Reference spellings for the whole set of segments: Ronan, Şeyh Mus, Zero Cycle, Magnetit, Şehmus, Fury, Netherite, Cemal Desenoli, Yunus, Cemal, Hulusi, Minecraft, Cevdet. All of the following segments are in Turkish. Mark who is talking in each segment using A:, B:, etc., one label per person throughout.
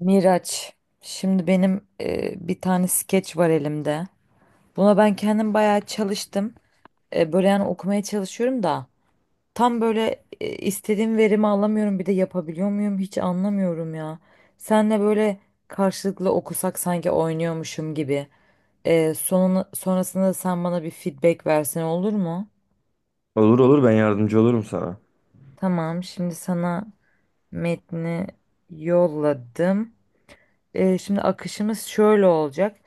A: Miraç, şimdi benim bir tane skeç var elimde. Buna ben kendim bayağı çalıştım. Böyle yani okumaya çalışıyorum da tam böyle istediğim verimi alamıyorum. Bir de yapabiliyor muyum hiç anlamıyorum ya. Senle böyle karşılıklı okusak sanki oynuyormuşum gibi. Sonunu, sonrasında da sen bana bir feedback versen olur mu?
B: Olur olur, ben yardımcı olurum sana.
A: Tamam, şimdi sana metni yolladım. Şimdi akışımız şöyle olacak.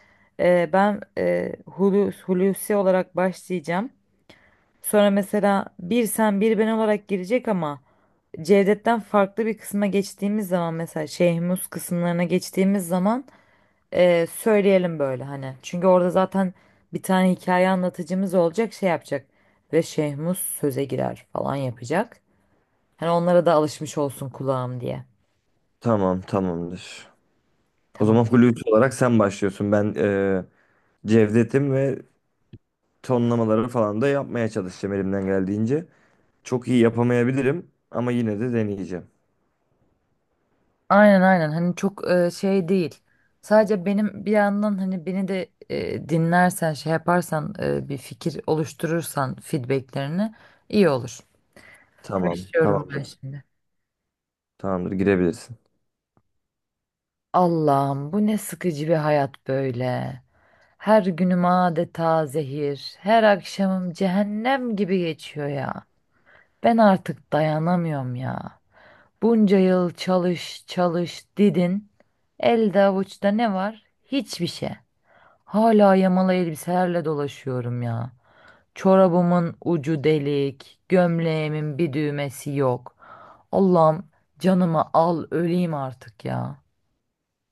A: Ben Hulusi olarak başlayacağım. Sonra mesela bir sen bir ben olarak girecek ama Cevdet'ten farklı bir kısma geçtiğimiz zaman mesela Şeyh Mus kısımlarına geçtiğimiz zaman söyleyelim böyle hani. Çünkü orada zaten bir tane hikaye anlatıcımız olacak şey yapacak ve Şeyh Mus söze girer falan yapacak. Hani onlara da alışmış olsun kulağım diye.
B: Tamam, tamamdır. O
A: Tamam.
B: zaman Hulusi olarak sen başlıyorsun. Ben Cevdet'im ve tonlamaları falan da yapmaya çalışacağım elimden geldiğince. Çok iyi yapamayabilirim ama yine de deneyeceğim.
A: Aynen aynen, hani çok şey değil. Sadece benim bir yandan hani beni de dinlersen şey yaparsan bir fikir oluşturursan feedbacklerini iyi olur.
B: Tamam,
A: Başlıyorum ben
B: tamamdır.
A: şimdi.
B: Tamamdır, girebilirsin.
A: Allah'ım, bu ne sıkıcı bir hayat böyle. Her günüm adeta zehir. Her akşamım cehennem gibi geçiyor ya. Ben artık dayanamıyorum ya. Bunca yıl çalış çalış didin. Elde avuçta ne var? Hiçbir şey. Hala yamalı elbiselerle dolaşıyorum ya. Çorabımın ucu delik, gömleğimin bir düğmesi yok. Allah'ım, canımı al öleyim artık ya.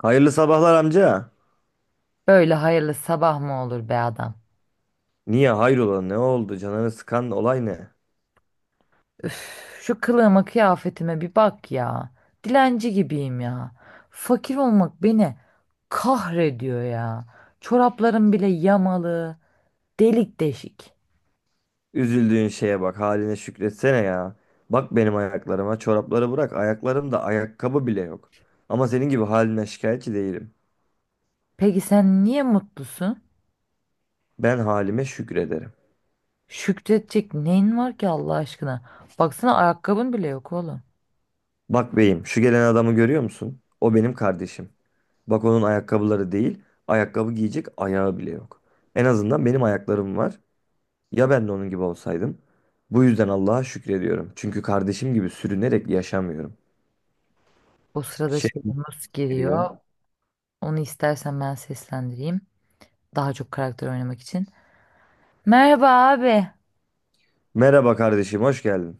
B: Hayırlı sabahlar amca.
A: Böyle hayırlı sabah mı olur be adam?
B: Niye, hayrola, ne oldu, canını sıkan olay ne?
A: Üf, şu kılığıma kıyafetime bir bak ya. Dilenci gibiyim ya. Fakir olmak beni kahrediyor ya. Çoraplarım bile yamalı, delik deşik.
B: Üzüldüğün şeye bak, haline şükretsene ya. Bak, benim ayaklarıma, çorapları bırak, ayaklarımda ayakkabı bile yok. Ama senin gibi haline şikayetçi değilim.
A: Peki sen niye mutlusun?
B: Ben halime şükrederim.
A: Şükredecek neyin var ki Allah aşkına? Baksana ayakkabın bile yok oğlum.
B: Bak beyim, şu gelen adamı görüyor musun? O benim kardeşim. Bak, onun ayakkabıları değil, ayakkabı giyecek ayağı bile yok. En azından benim ayaklarım var. Ya ben de onun gibi olsaydım? Bu yüzden Allah'a şükrediyorum. Çünkü kardeşim gibi sürünerek yaşamıyorum.
A: O sırada
B: Şey
A: şey Yunus
B: geliyor.
A: giriyor. Onu istersen ben seslendireyim. Daha çok karakter oynamak için. Merhaba abi.
B: Merhaba kardeşim, hoş geldin.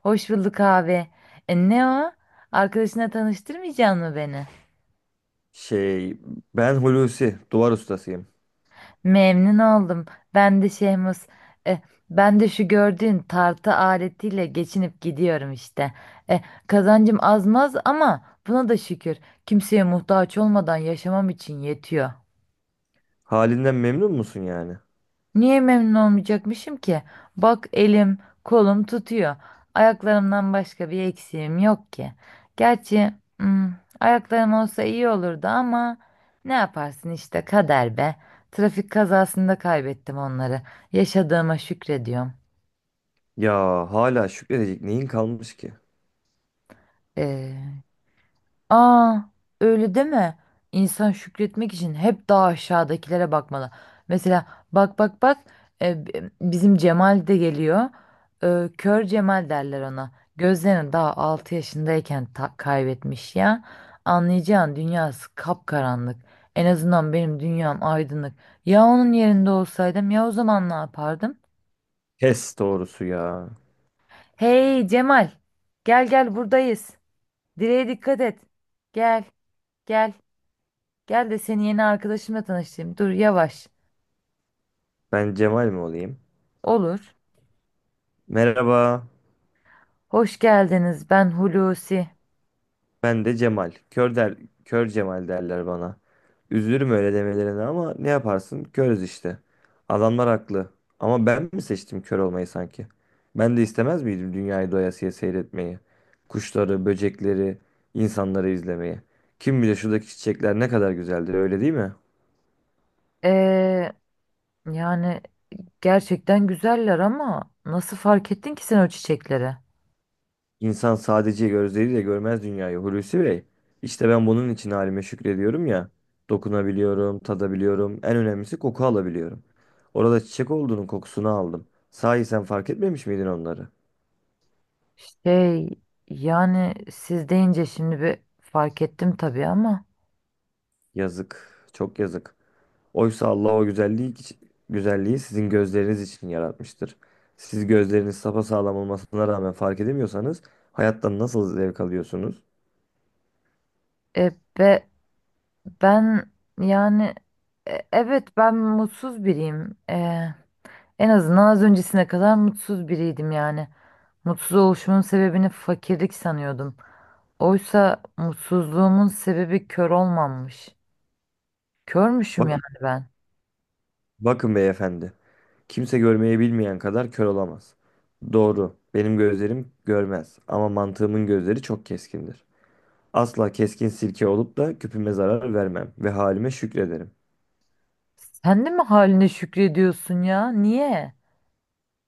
A: Hoş bulduk abi. Ne o? Arkadaşına tanıştırmayacak mı beni?
B: Şey, ben Hulusi, duvar ustasıyım.
A: Memnun oldum. Ben de Şehmus. E, Ben de şu gördüğün tartı aletiyle geçinip gidiyorum işte. E, Kazancım azmaz ama buna da şükür. Kimseye muhtaç olmadan yaşamam için yetiyor.
B: Halinden memnun musun yani?
A: Niye memnun olmayacakmışım ki? Bak elim, kolum tutuyor. Ayaklarımdan başka bir eksiğim yok ki. Gerçi hmm, ayaklarım olsa iyi olurdu ama ne yaparsın işte kader be. Trafik kazasında kaybettim onları. Yaşadığıma şükrediyorum.
B: Ya hala şükredecek neyin kalmış ki?
A: Ee, Aa, Öyle deme. İnsan şükretmek için hep daha aşağıdakilere bakmalı. Mesela bak bak bak, bizim Cemal de geliyor. Kör Cemal derler ona. Gözlerini daha 6 yaşındayken kaybetmiş ya. Anlayacağın dünyası kapkaranlık. En azından benim dünyam aydınlık. Ya onun yerinde olsaydım, ya o zaman ne yapardım?
B: Kes doğrusu ya.
A: Hey Cemal, gel gel, buradayız. Direğe dikkat et. Gel, gel. Gel de seni yeni arkadaşımla tanıştırayım. Dur yavaş.
B: Ben Cemal mi olayım?
A: Olur.
B: Merhaba,
A: Hoş geldiniz. Ben Hulusi.
B: ben de Cemal. Kör der, kör Cemal derler bana. Üzülürüm öyle demelerine ama ne yaparsın? Körüz işte. Adamlar haklı. Ama ben mi seçtim kör olmayı sanki? Ben de istemez miydim dünyayı doyasıya seyretmeyi? Kuşları, böcekleri, insanları izlemeyi. Kim bilir şuradaki çiçekler ne kadar güzeldir, öyle değil mi?
A: Ee, Yani gerçekten güzeller ama nasıl fark ettin ki sen o çiçekleri?
B: İnsan sadece gözleriyle görmez dünyayı Hulusi Bey. İşte ben bunun için halime şükrediyorum ya. Dokunabiliyorum, tadabiliyorum. En önemlisi koku alabiliyorum. Orada çiçek olduğunun kokusunu aldım. Sahi sen fark etmemiş miydin onları?
A: Şey, yani siz deyince şimdi bir fark ettim tabii ama.
B: Yazık, çok yazık. Oysa Allah o güzelliği, güzelliği sizin gözleriniz için yaratmıştır. Siz gözleriniz sapasağlam olmasına rağmen fark edemiyorsanız hayattan nasıl zevk alıyorsunuz?
A: E, be, ben yani e, Evet, ben mutsuz biriyim. En azından az öncesine kadar mutsuz biriydim yani. Mutsuz oluşumun sebebini fakirlik sanıyordum. Oysa mutsuzluğumun sebebi kör olmamış. Körmüşüm yani
B: Bakın,
A: ben.
B: bakın beyefendi. Kimse görmeyi bilmeyen kadar kör olamaz. Doğru. Benim gözlerim görmez ama mantığımın gözleri çok keskindir. Asla keskin sirke olup da küpüme zarar vermem ve halime şükrederim.
A: Sen de mi haline şükrediyorsun ya? Niye?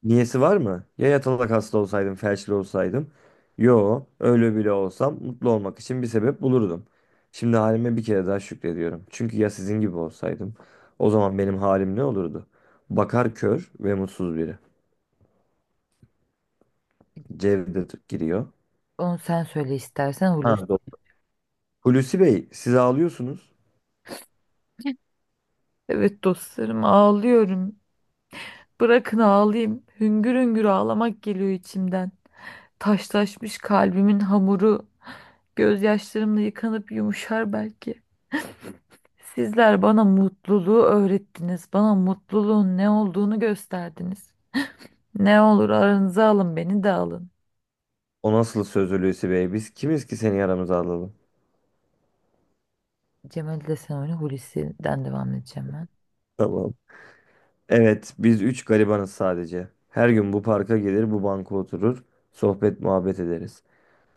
B: Niyesi var mı? Ya yatalak hasta olsaydım, felçli olsaydım? Yo, öyle bile olsam mutlu olmak için bir sebep bulurdum. Şimdi halime bir kere daha şükrediyorum. Çünkü ya sizin gibi olsaydım, o zaman benim halim ne olurdu? Bakar kör ve mutsuz biri. Cevdet giriyor.
A: Onu sen söyle istersen Hulusi.
B: Ha, doğru. Hulusi Bey, siz ağlıyorsunuz.
A: Evet dostlarım, ağlıyorum. Bırakın ağlayayım. Hüngür hüngür ağlamak geliyor içimden. Taşlaşmış kalbimin hamuru gözyaşlarımla yıkanıp yumuşar belki. Sizler bana mutluluğu öğrettiniz. Bana mutluluğun ne olduğunu gösterdiniz. Ne olur aranıza alın, beni de alın.
B: O nasıl söz Hulusi Bey? Biz kimiz ki seni yaramıza alalım?
A: Cemal Desenoli Hulusi'den devam edeceğim ben.
B: Tamam. Evet, biz üç garibanız sadece. Her gün bu parka gelir, bu banka oturur, sohbet muhabbet ederiz.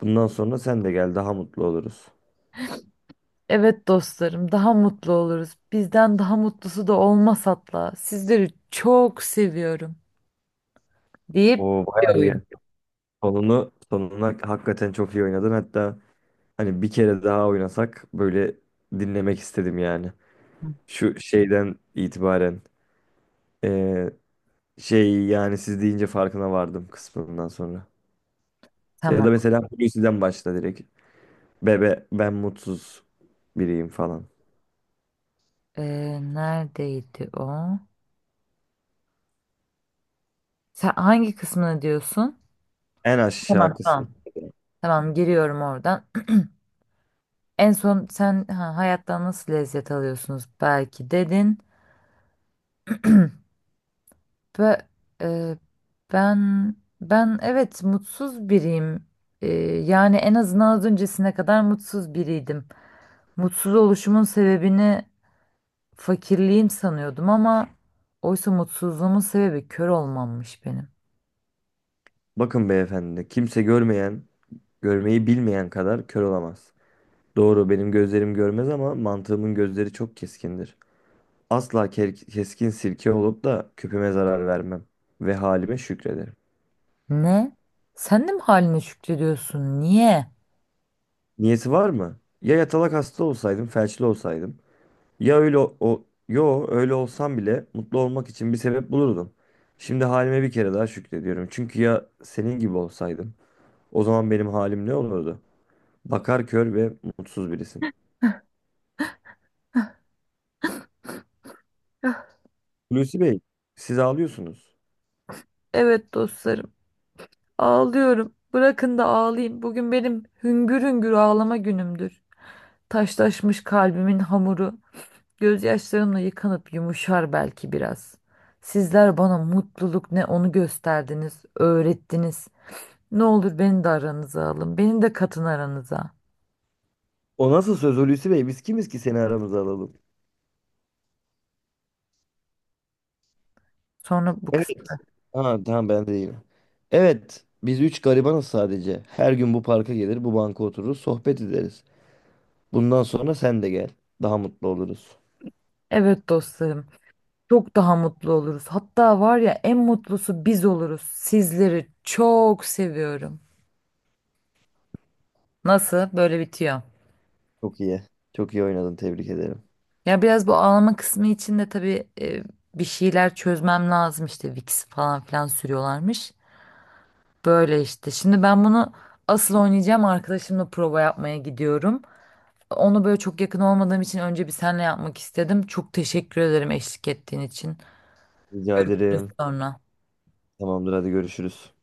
B: Bundan sonra sen de gel, daha mutlu oluruz.
A: Evet dostlarım, daha mutlu oluruz. Bizden daha mutlusu da olmaz hatta. Sizleri çok seviyorum deyip
B: Oo,
A: bir
B: bayağı iyi.
A: oyun.
B: Sonunu, sonuna hakikaten çok iyi oynadın. Hatta hani bir kere daha oynasak böyle dinlemek istedim yani.
A: Hı.
B: Şu şeyden itibaren eee, şey, yani siz deyince farkına vardım kısmından sonra. Ya
A: Tamam.
B: da mesela Hulusi'den başla direkt. Bebe ben mutsuz biriyim falan.
A: Neredeydi o? Sen hangi kısmını diyorsun?
B: En aşağı
A: Tamam,
B: kısmı.
A: tamam. Tamam, giriyorum oradan. En son sen ha, hayattan nasıl lezzet alıyorsunuz belki dedin. Ve e, ben ben evet mutsuz biriyim. Yani en azından az öncesine kadar mutsuz biriydim. Mutsuz oluşumun sebebini fakirliğim sanıyordum ama oysa mutsuzluğumun sebebi kör olmammış benim.
B: Bakın beyefendi, kimse görmeyen, görmeyi bilmeyen kadar kör olamaz. Doğru, benim gözlerim görmez ama mantığımın gözleri çok keskindir. Asla keskin sirke olup da küpüme zarar vermem ve halime şükrederim.
A: Ne? Sen de mi haline şükrediyorsun? Niye?
B: Niyeti var mı? Ya yatalak hasta olsaydım, felçli olsaydım. Yo, öyle olsam bile mutlu olmak için bir sebep bulurdum. Şimdi halime bir kere daha şükrediyorum. Çünkü ya senin gibi olsaydım. O zaman benim halim ne olurdu? Bakar kör ve mutsuz birisin. Hulusi Bey, siz ağlıyorsunuz.
A: Evet dostlarım, ağlıyorum. Bırakın da ağlayayım. Bugün benim hüngür hüngür ağlama günümdür. Taşlaşmış kalbimin hamuru. Gözyaşlarımla yıkanıp yumuşar belki biraz. Sizler bana mutluluk ne onu gösterdiniz, öğrettiniz. Ne olur beni de aranıza alın, beni de katın aranıza.
B: O nasıl söz Hulusi Bey? Biz kimiz ki seni aramıza alalım?
A: Sonra bu
B: Evet.
A: kısmı.
B: Ha, tamam, ben de değilim. Evet, biz üç garibanız sadece. Her gün bu parka gelir, bu banka otururuz, sohbet ederiz. Bundan sonra sen de gel. Daha mutlu oluruz.
A: Evet dostlarım, çok daha mutlu oluruz. Hatta var ya, en mutlusu biz oluruz. Sizleri çok seviyorum. Nasıl? Böyle bitiyor.
B: Çok iyi. Çok iyi oynadın, tebrik ederim.
A: Ya biraz bu ağlama kısmı için de tabii bir şeyler çözmem lazım işte, Vicks falan filan sürüyorlarmış. Böyle işte. Şimdi ben bunu asıl oynayacağım arkadaşımla prova yapmaya gidiyorum. Onu böyle çok yakın olmadığım için önce bir senle yapmak istedim. Çok teşekkür ederim eşlik ettiğin için.
B: Rica
A: Görüşürüz
B: ederim.
A: sonra.
B: Tamamdır, hadi görüşürüz.